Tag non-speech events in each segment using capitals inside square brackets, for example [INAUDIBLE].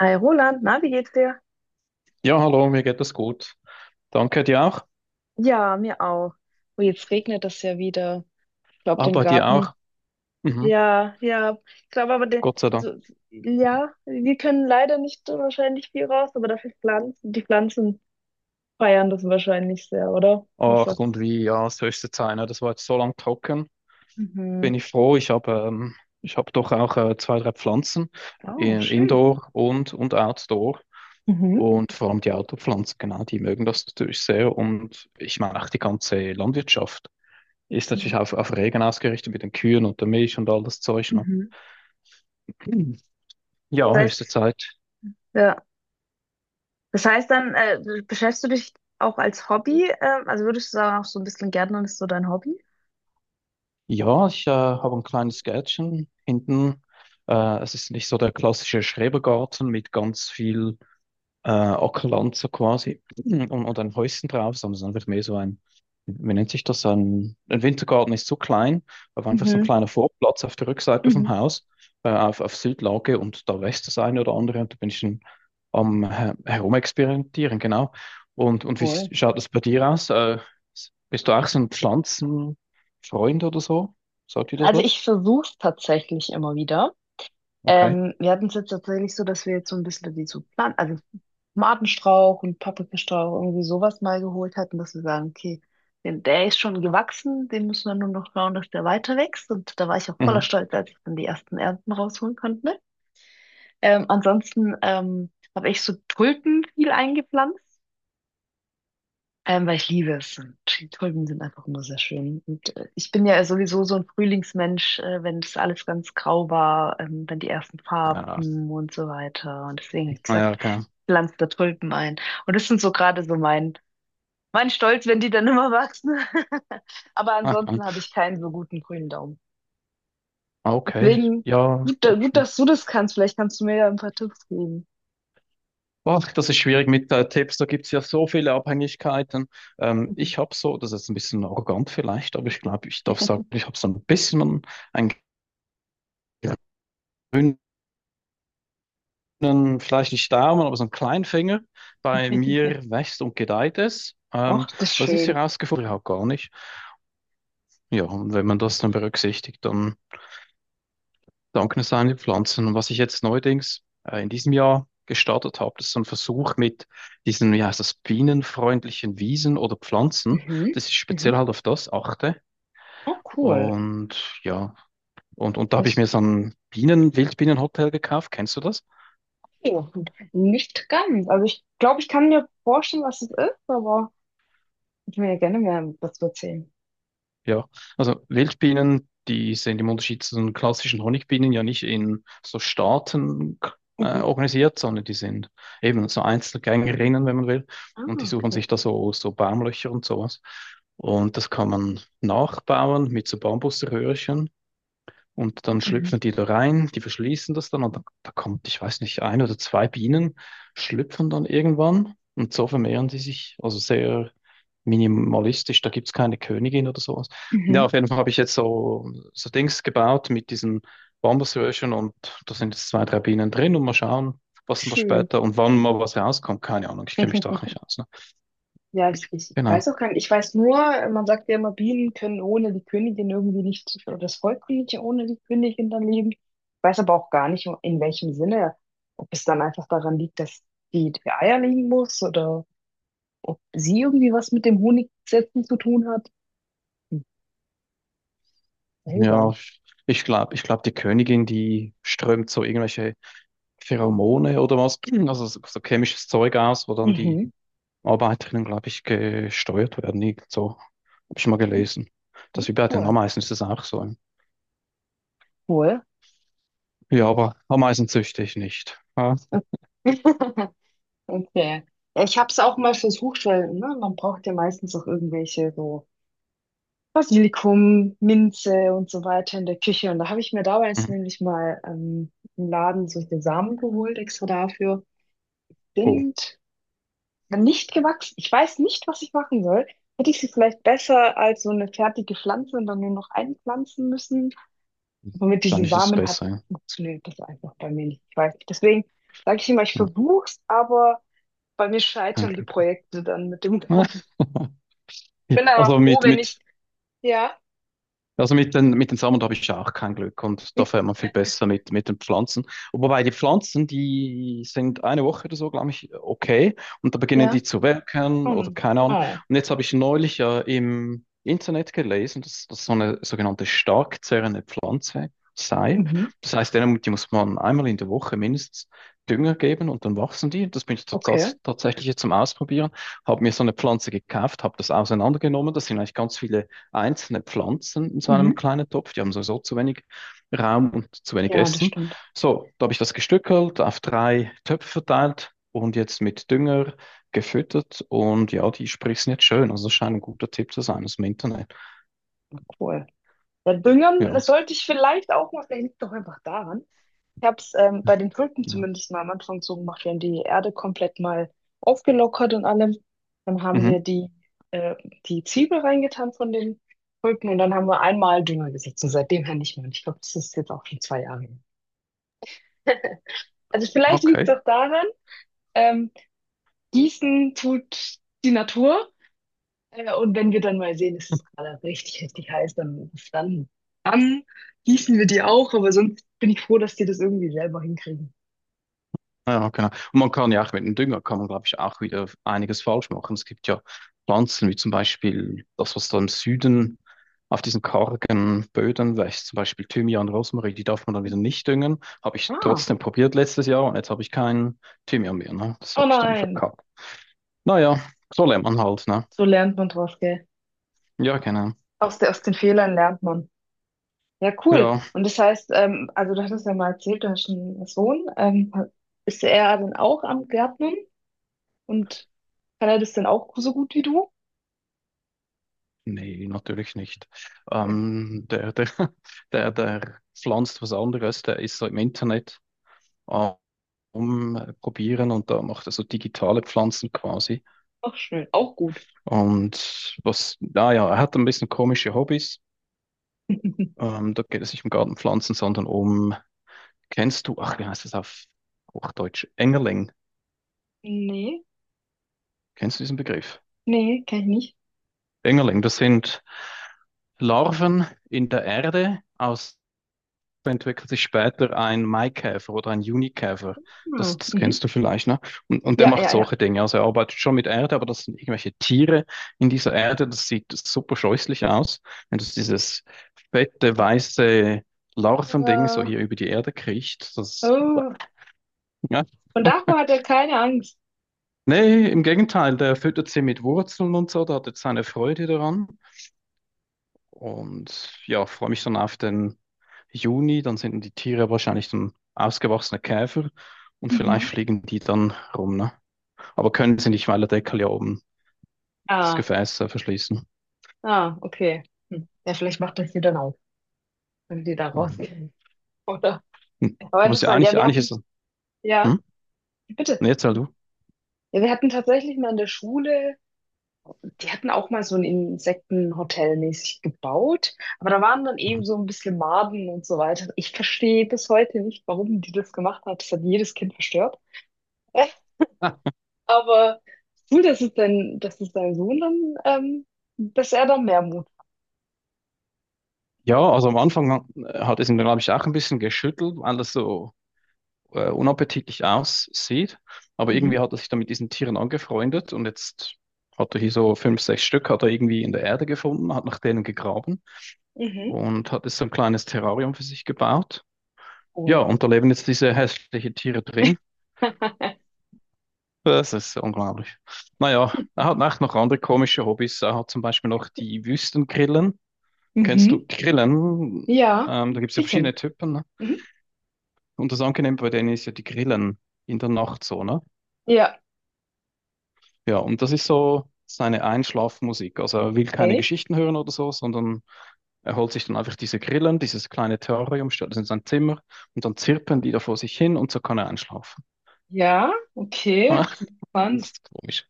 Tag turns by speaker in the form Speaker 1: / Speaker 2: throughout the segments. Speaker 1: Hi Roland, na, wie geht's dir?
Speaker 2: Ja, hallo, mir geht es gut. Danke dir auch.
Speaker 1: Ja, mir auch. Oh, jetzt regnet es ja wieder. Ich glaube, den
Speaker 2: Aber dir auch.
Speaker 1: Garten.
Speaker 2: Mhm.
Speaker 1: Ja, ja. Ich glaube aber, der,
Speaker 2: Gott sei Dank.
Speaker 1: also, ja, wir können leider nicht so wahrscheinlich viel raus, aber dafür Pflanzen. Die Pflanzen feiern das wahrscheinlich sehr, oder? Was
Speaker 2: Ach,
Speaker 1: sagst
Speaker 2: und wie, ja, es höchste Zeit, ne? Das war jetzt so lang trocken. Bin
Speaker 1: Mhm.
Speaker 2: ich froh. Ich habe doch auch zwei, drei Pflanzen.
Speaker 1: Oh, schön.
Speaker 2: Indoor und, Outdoor.
Speaker 1: Du? Mhm.
Speaker 2: Und vor allem die Outdoor-Pflanzen, genau, die mögen das natürlich sehr. Und ich meine auch die ganze Landwirtschaft ist natürlich
Speaker 1: Ja.
Speaker 2: auf Regen ausgerichtet mit den Kühen und der Milch und all das Zeug, ne?
Speaker 1: Mhm.
Speaker 2: Mhm. Ja,
Speaker 1: Das
Speaker 2: höchste
Speaker 1: heißt,
Speaker 2: Zeit.
Speaker 1: ja. Das heißt dann, beschäftigst du dich auch als Hobby? Also würdest du sagen, auch so ein bisschen Gärtnern ist so dein Hobby?
Speaker 2: Ja, ich habe ein kleines Gärtchen hinten. Es ist nicht so der klassische Schrebergarten mit ganz viel Ackerland so quasi [CLEARS THROAT] und, ein Häuschen drauf, sondern es ist einfach mehr so ein, wie nennt sich das, ein Wintergarten ist so klein, aber einfach so ein
Speaker 1: Mhm.
Speaker 2: kleiner Vorplatz auf der Rückseite vom
Speaker 1: Mhm.
Speaker 2: Haus, auf Südlage und da wächst das eine oder andere und da bin ich schon am Herumexperimentieren, genau. Und, wie
Speaker 1: Voll.
Speaker 2: schaut das bei dir aus? Bist du auch so ein Pflanzenfreund oder so? Sagt dir das
Speaker 1: Also
Speaker 2: was?
Speaker 1: ich versuche es tatsächlich immer wieder.
Speaker 2: Okay.
Speaker 1: Wir hatten es jetzt tatsächlich so, dass wir jetzt so ein bisschen die so pflanzen, also Tomatenstrauch und Paprikastrauch irgendwie sowas mal geholt hatten, dass wir sagen, okay, den, der ist schon gewachsen, den müssen wir nur noch schauen, dass der weiter wächst. Und da war ich auch voller
Speaker 2: Mhm.
Speaker 1: Stolz, als ich dann die ersten Ernten rausholen konnte. Ansonsten habe ich so Tulpen viel eingepflanzt. Weil ich liebe es. Und die Tulpen sind einfach nur sehr schön. Und ich bin ja sowieso so ein Frühlingsmensch, wenn das alles ganz grau war, dann die ersten
Speaker 2: Ja,
Speaker 1: Farben und so weiter. Und deswegen habe ich
Speaker 2: ja,
Speaker 1: gesagt,
Speaker 2: okay.
Speaker 1: pflanz da Tulpen ein. Und das sind so gerade so mein Stolz, wenn die dann immer wachsen. [LAUGHS] Aber ansonsten habe
Speaker 2: [LAUGHS]
Speaker 1: ich keinen so guten grünen Daumen.
Speaker 2: Okay,
Speaker 1: Deswegen
Speaker 2: ja, doch
Speaker 1: gut,
Speaker 2: schon.
Speaker 1: dass du das kannst. Vielleicht kannst du mir ja ein paar Tipps geben.
Speaker 2: Boah, das ist schwierig mit Tipps, da gibt es ja so viele Abhängigkeiten.
Speaker 1: Mhm.
Speaker 2: Ich habe so, das ist ein bisschen arrogant vielleicht, aber ich glaube, ich darf sagen, ich habe so ein bisschen einen grünen, vielleicht nicht Daumen, aber so einen kleinen Finger. Bei mir
Speaker 1: [LAUGHS]
Speaker 2: wächst und gedeiht es.
Speaker 1: Ach, das ist
Speaker 2: Was ich
Speaker 1: schön.
Speaker 2: herausgefunden habe, gar nicht. Ja, und wenn man das dann berücksichtigt, dann dankensame Pflanzen. Und was ich jetzt neuerdings in diesem Jahr gestartet habe, das ist so ein Versuch mit diesen, wie heißt das, bienenfreundlichen Wiesen oder Pflanzen,
Speaker 1: Mhm.
Speaker 2: dass ich
Speaker 1: Mhm.
Speaker 2: speziell halt auf das achte.
Speaker 1: Oh, cool.
Speaker 2: Und ja, und, da habe ich
Speaker 1: Das
Speaker 2: mir so ein Bienen, Wildbienenhotel gekauft. Kennst du das?
Speaker 1: Ja, nicht ganz. Also ich glaube, ich kann mir vorstellen, was es ist, aber ich will ja gerne mehr dazu erzählen.
Speaker 2: Ja, also Wildbienen, die sind im Unterschied zu den klassischen Honigbienen ja nicht in so Staaten
Speaker 1: Mhm.
Speaker 2: organisiert, sondern die sind eben so Einzelgängerinnen, wenn man will.
Speaker 1: Ah,
Speaker 2: Und die suchen sich
Speaker 1: okay.
Speaker 2: da so, so Baumlöcher und sowas. Und das kann man nachbauen mit so Bambuserhörchen. Und dann
Speaker 1: Mhm.
Speaker 2: schlüpfen die da rein, die verschließen das dann und da, da kommt, ich weiß nicht, ein oder zwei Bienen schlüpfen dann irgendwann und so vermehren die sich, also sehr minimalistisch, da gibt es keine Königin oder sowas. Ja,
Speaker 1: Mhm.
Speaker 2: auf jeden Fall habe ich jetzt so, so Dings gebaut mit diesen Bambusröhrchen und da sind jetzt zwei, drei Bienen drin und mal schauen, was denn da
Speaker 1: Schön.
Speaker 2: später und wann mal was rauskommt, keine Ahnung, ich kenne mich doch nicht
Speaker 1: [LAUGHS]
Speaker 2: aus. Ne?
Speaker 1: Ja, ich
Speaker 2: Genau,
Speaker 1: weiß auch gar nicht. Ich weiß nur, man sagt ja immer, Bienen können ohne die Königin irgendwie nicht, oder das Volk kann nicht ohne die Königin dann leben. Ich weiß aber auch gar nicht, in welchem Sinne. Ob es dann einfach daran liegt, dass die, die Eier legen muss oder ob sie irgendwie was mit dem Honigsetzen zu tun hat. Hm, seltsam.
Speaker 2: ja, ich glaube, die Königin, die strömt so irgendwelche Pheromone oder was, [CLEARS THROAT] also so, so chemisches Zeug aus, wo dann die
Speaker 1: Mhm.
Speaker 2: Arbeiterinnen, glaube ich, gesteuert werden. Irgend so habe ich mal gelesen.
Speaker 1: Ja,
Speaker 2: Das wie bei den
Speaker 1: cool,
Speaker 2: Ameisen ist das auch so.
Speaker 1: cool.
Speaker 2: Ja, aber Ameisen züchte ich nicht. Ah.
Speaker 1: [LAUGHS] Okay. Ja, ich habe es auch mal versucht, weil ne, man braucht ja meistens auch irgendwelche so Basilikum, Minze und so weiter in der Küche. Und da habe ich mir damals
Speaker 2: Mhm.
Speaker 1: nämlich mal im Laden solche Samen geholt, extra dafür.
Speaker 2: Oh,
Speaker 1: Sind nicht gewachsen. Ich weiß nicht, was ich machen soll. Hätte ich sie vielleicht besser als so eine fertige Pflanze und dann nur noch einpflanzen müssen? Aber mit diesen
Speaker 2: wahrscheinlich ist es
Speaker 1: Samen hat
Speaker 2: besser. Ja.
Speaker 1: funktioniert das einfach bei mir nicht. Ich weiß nicht. Deswegen sage ich immer, ich
Speaker 2: Ja,
Speaker 1: versuch's, aber bei mir
Speaker 2: kein
Speaker 1: scheitern die
Speaker 2: Glück.
Speaker 1: Projekte dann mit dem [LAUGHS] Garten.
Speaker 2: [LAUGHS]
Speaker 1: Ich
Speaker 2: Ja,
Speaker 1: bin aber
Speaker 2: also
Speaker 1: froh,
Speaker 2: mit,
Speaker 1: wenn ich,
Speaker 2: mit
Speaker 1: ja,
Speaker 2: Also mit den, mit den Samen habe ich auch kein Glück und da
Speaker 1: [LAUGHS]
Speaker 2: fährt man viel besser mit den Pflanzen. Wobei die Pflanzen, die sind eine Woche oder so, glaube ich, okay. Und da beginnen
Speaker 1: ja,
Speaker 2: die zu welken oder
Speaker 1: hm.
Speaker 2: keine Ahnung.
Speaker 1: Oh,
Speaker 2: Und jetzt habe ich neulich ja im Internet gelesen, dass das so eine sogenannte stark zerrende Pflanze sei.
Speaker 1: mhm.
Speaker 2: Das heißt, die muss man einmal in der Woche mindestens Dünger geben und dann wachsen die. Das bin ich
Speaker 1: Okay,
Speaker 2: tatsächlich jetzt zum Ausprobieren. Habe mir so eine Pflanze gekauft, habe das auseinandergenommen. Das sind eigentlich ganz viele einzelne Pflanzen in so
Speaker 1: mhm.
Speaker 2: einem kleinen Topf. Die haben sowieso zu wenig Raum und zu wenig
Speaker 1: Ja, das
Speaker 2: Essen.
Speaker 1: stimmt.
Speaker 2: So, da habe ich das gestückelt, auf drei Töpfe verteilt und jetzt mit Dünger gefüttert. Und ja, die sprießen jetzt schön. Also das scheint ein guter Tipp zu sein aus dem Internet.
Speaker 1: Cool. Ja, düngen das
Speaker 2: Ja.
Speaker 1: sollte ich vielleicht auch mal, vielleicht liegt doch einfach daran. Ich habe es bei den Tulpen
Speaker 2: Ja.
Speaker 1: zumindest mal am Anfang so gemacht. Wir haben die Erde komplett mal aufgelockert und allem. Dann haben wir
Speaker 2: Mhm.
Speaker 1: äh, die Zwiebel reingetan von den Tulpen und dann haben wir einmal Dünger gesetzt und seitdem her nicht mehr. Und ich glaube, das ist jetzt auch schon 2 Jahre her. [LAUGHS] Also vielleicht liegt es
Speaker 2: Okay.
Speaker 1: auch daran, ähm, gießen tut die Natur. Und wenn wir dann mal sehen, es ist gerade richtig, richtig heiß, dann, dann gießen wir die auch. Aber sonst bin ich froh, dass die das irgendwie selber hinkriegen.
Speaker 2: Ah, ja, genau. Und man kann ja auch mit dem Dünger, kann man, glaube ich, auch wieder einiges falsch machen. Es gibt ja Pflanzen, wie zum Beispiel das, was da im Süden auf diesen kargen Böden wächst, zum Beispiel Thymian, Rosmarin, die darf man dann wieder nicht düngen. Habe ich
Speaker 1: Ah,
Speaker 2: trotzdem probiert letztes Jahr und jetzt habe ich keinen Thymian mehr, ne? Das
Speaker 1: oh
Speaker 2: habe ich dann
Speaker 1: nein.
Speaker 2: verkackt. Naja, so lernt man halt, ne?
Speaker 1: So lernt man draus, gell?
Speaker 2: Ja, genau.
Speaker 1: Aus, der, aus den Fehlern lernt man. Ja, cool.
Speaker 2: Ja,
Speaker 1: Und das heißt, also du hattest ja mal erzählt, du hast einen Sohn. Ist er dann auch am Gärtnern? Und kann er das denn auch so gut wie du?
Speaker 2: nee, natürlich nicht. Der, [LAUGHS] der, der pflanzt was anderes, der ist so im Internet rumprobieren und da macht er so digitale Pflanzen quasi.
Speaker 1: Auch schön, auch gut.
Speaker 2: Und was, naja, er hat ein bisschen komische Hobbys.
Speaker 1: [LAUGHS]
Speaker 2: Da geht es nicht um Gartenpflanzen, sondern um, kennst du, ach, wie heißt das auf Hochdeutsch? Engerling.
Speaker 1: Nee.
Speaker 2: Kennst du diesen Begriff?
Speaker 1: Nee, kann ich nicht.
Speaker 2: Engerling, das sind Larven in der Erde, aus entwickelt sich später ein Maikäfer oder ein Junikäfer. Das,
Speaker 1: Ah,
Speaker 2: das
Speaker 1: mhm.
Speaker 2: kennst du vielleicht, ne? Und der
Speaker 1: Ja,
Speaker 2: macht
Speaker 1: ja, ja.
Speaker 2: solche Dinge. Also er arbeitet schon mit Erde, aber das sind irgendwelche Tiere in dieser Erde. Das sieht super scheußlich aus, wenn das dieses fette, weiße Larvending so
Speaker 1: Äh,
Speaker 2: hier über die Erde kriecht. Das,
Speaker 1: Oh.
Speaker 2: ja.
Speaker 1: Und davor hat er keine Angst.
Speaker 2: Nee, im Gegenteil, der füttert sie mit Wurzeln und so, da hat jetzt seine Freude daran. Und ja, freue mich dann auf den Juni. Dann sind die Tiere wahrscheinlich dann ausgewachsene Käfer und vielleicht
Speaker 1: Mhm.
Speaker 2: fliegen die dann rum, ne? Aber können sie nicht, weil der Deckel ja oben das
Speaker 1: Ah,
Speaker 2: Gefäß verschließen.
Speaker 1: ah, okay. Hm. Ja, vielleicht macht das hier dann auch, wenn die da
Speaker 2: Mhm.
Speaker 1: rausgehen. [LAUGHS] Oder?
Speaker 2: Hm.
Speaker 1: Aber
Speaker 2: Aber es ist ja
Speaker 1: interessant. Ja,
Speaker 2: eigentlich,
Speaker 1: wir
Speaker 2: eigentlich
Speaker 1: hatten.
Speaker 2: ist es.
Speaker 1: Ja,
Speaker 2: Hm?
Speaker 1: bitte.
Speaker 2: Nee, erzähl du.
Speaker 1: Ja, wir hatten tatsächlich mal in der Schule, die hatten auch mal so ein Insektenhotel mäßig gebaut, aber da waren dann
Speaker 2: Mhm.
Speaker 1: eben so ein bisschen Maden und so weiter. Ich verstehe bis heute nicht, warum die das gemacht hat. Das hat jedes Kind verstört. Äh,
Speaker 2: Ah.
Speaker 1: Aber cool, dass es dein Sohn dann, ähm, dass er da mehr Mut.
Speaker 2: Ja, also am Anfang hat es ihn, glaube ich, auch ein bisschen geschüttelt, weil das so unappetitlich aussieht. Aber
Speaker 1: Mhm.
Speaker 2: irgendwie hat er sich dann mit diesen Tieren angefreundet und jetzt hat er hier so fünf, sechs Stück, hat er irgendwie in der Erde gefunden, hat nach denen gegraben
Speaker 1: Mhm.
Speaker 2: und hat jetzt so ein kleines Terrarium für sich gebaut. Ja,
Speaker 1: Cool.
Speaker 2: und da leben jetzt diese hässlichen Tiere drin.
Speaker 1: [LAUGHS]
Speaker 2: Das ist unglaublich. Naja, er hat auch noch andere komische Hobbys. Er hat zum Beispiel noch die Wüstengrillen. Kennst
Speaker 1: Mhm.
Speaker 2: du Grillen?
Speaker 1: Ja,
Speaker 2: Da gibt es ja
Speaker 1: die kenne ich.
Speaker 2: verschiedene Typen. Ne?
Speaker 1: Mhm.
Speaker 2: Und das Angenehme bei denen ist ja die Grillen in der Nacht so, ne?
Speaker 1: Ja.
Speaker 2: Ja, und das ist so seine Einschlafmusik. Also er will keine
Speaker 1: Ey.
Speaker 2: Geschichten hören oder so, sondern er holt sich dann einfach diese Grillen, dieses kleine Terrarium, stellt das in sein Zimmer und dann zirpen die da vor sich hin und so kann er einschlafen.
Speaker 1: Ja, okay.
Speaker 2: [LAUGHS] Das
Speaker 1: Spannend.
Speaker 2: ist komisch.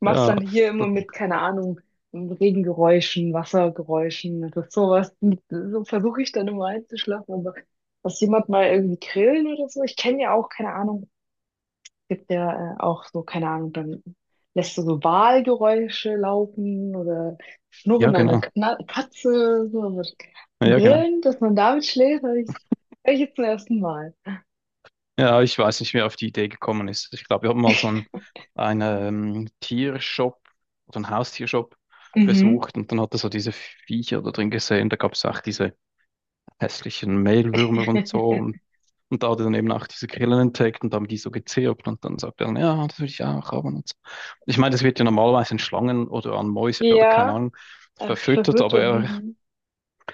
Speaker 1: Machst
Speaker 2: Ja,
Speaker 1: dann hier immer mit, keine Ahnung, Regengeräuschen, Wassergeräuschen, das ist sowas. So versuche ich dann immer einzuschlafen, aber dass jemand mal irgendwie grillen oder so, ich kenne ja auch, keine Ahnung, es gibt ja auch so, keine Ahnung, dann lässt du so Walgeräusche laufen oder
Speaker 2: ja,
Speaker 1: Schnurren einer
Speaker 2: genau.
Speaker 1: Kna Katze, so, aber
Speaker 2: Ja, genau.
Speaker 1: grillen, dass man damit schläft, hör ich jetzt zum ersten Mal.
Speaker 2: Ja, ich weiß nicht, wer auf die Idee gekommen ist. Ich glaube, wir haben mal so einen, einen Tiershop oder einen Haustiershop
Speaker 1: Mhm.
Speaker 2: besucht und dann hat er so diese Viecher da drin gesehen. Da gab es auch diese hässlichen Mehlwürmer und so.
Speaker 1: [LAUGHS]
Speaker 2: Und, da hat er dann eben auch diese Grillen entdeckt und haben die so gezirpt und dann sagt er dann, ja, das will ich auch haben und so. Ich meine, das wird ja normalerweise an Schlangen oder an Mäuse oder keine
Speaker 1: Ja,
Speaker 2: Ahnung verfüttert,
Speaker 1: verwirrt und mhm.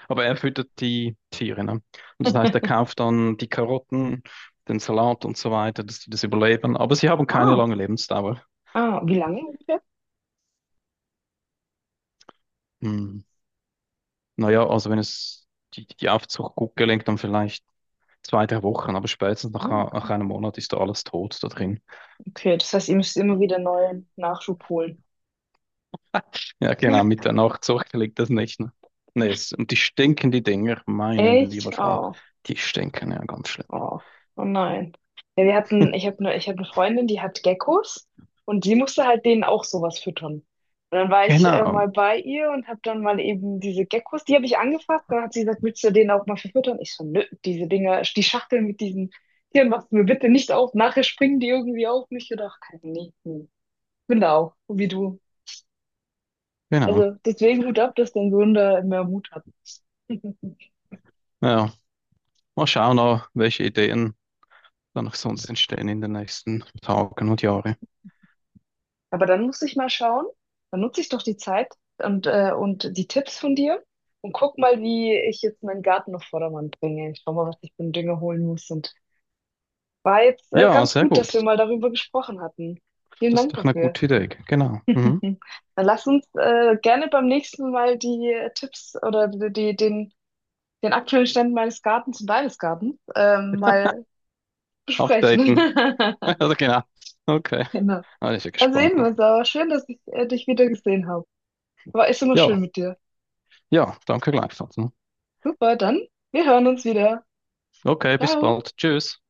Speaker 2: aber er füttert die Tiere, ne? Und das heißt, er
Speaker 1: [LAUGHS]
Speaker 2: kauft dann die Karotten, den Salat und so weiter, dass die das überleben. Aber sie haben keine
Speaker 1: Ah,
Speaker 2: lange Lebensdauer.
Speaker 1: ah, wie lange?
Speaker 2: Hm. Naja, also wenn es die, die Aufzucht gut gelingt, dann vielleicht zwei, drei Wochen, aber spätestens nach,
Speaker 1: Oh,
Speaker 2: nach
Speaker 1: okay,
Speaker 2: einem Monat ist da alles tot da drin.
Speaker 1: okay, das heißt, ihr müsst immer wieder neuen Nachschub holen.
Speaker 2: Ja, genau, mit
Speaker 1: [LAUGHS]
Speaker 2: der Nachzucht gelingt das nicht. Ne? Nee, es, und die stinken, die Dinger, mein
Speaker 1: Echt?
Speaker 2: lieber Schwan.
Speaker 1: Oh,
Speaker 2: Die stinken ja ganz schlimm.
Speaker 1: oh, oh nein. Ja, wir hatten, ich hab eine Freundin, die hat Geckos und die musste halt denen auch sowas füttern. Und dann war ich
Speaker 2: Genau,
Speaker 1: mal bei ihr und habe dann mal eben diese Geckos, die habe ich angefasst. Dann hat sie gesagt, willst du denen auch mal verfüttern? Ich so, nö, diese Dinger, die Schachteln mit diesen Tieren machst du mir bitte nicht auf. Nachher springen die irgendwie auf mich. Oder? Ach, keine, nee, nee. Ich bin da auch, wie du.
Speaker 2: genau.
Speaker 1: Also deswegen Hut ab, dass dein Sohn da mehr Mut hat. [LAUGHS]
Speaker 2: Ja, mal schauen, noch, welche Ideen dann auch sonst entstehen in den nächsten Tagen und Jahren.
Speaker 1: Aber dann muss ich mal schauen, dann nutze ich doch die Zeit und, und die Tipps von dir und guck mal, wie ich jetzt meinen Garten auf Vordermann bringe. Ich schau mal, was ich für einen Dünger holen muss. Und war jetzt,
Speaker 2: Ja,
Speaker 1: ganz
Speaker 2: sehr
Speaker 1: gut, dass wir
Speaker 2: gut.
Speaker 1: mal darüber gesprochen hatten. Vielen
Speaker 2: Das ist
Speaker 1: Dank
Speaker 2: doch eine
Speaker 1: dafür.
Speaker 2: gute Idee. Genau.
Speaker 1: [LAUGHS]
Speaker 2: Mhm.
Speaker 1: Mhm. Dann lass uns, gerne beim nächsten Mal die Tipps oder den aktuellen Stand meines Gartens und deines Gartens, mal besprechen.
Speaker 2: Updaten.
Speaker 1: [LAUGHS]
Speaker 2: [LAUGHS] Oder genau. Okay.
Speaker 1: Genau.
Speaker 2: Ah, ich bin
Speaker 1: Dann
Speaker 2: gespannt.
Speaker 1: sehen wir
Speaker 2: Ne?
Speaker 1: uns aber. Schön, dass ich, dich wieder gesehen habe. War ist immer
Speaker 2: Ja,
Speaker 1: schön mit dir.
Speaker 2: ja, danke gleichfalls. Ne?
Speaker 1: Super, dann wir hören uns wieder.
Speaker 2: Okay, bis
Speaker 1: Ciao.
Speaker 2: bald. Tschüss.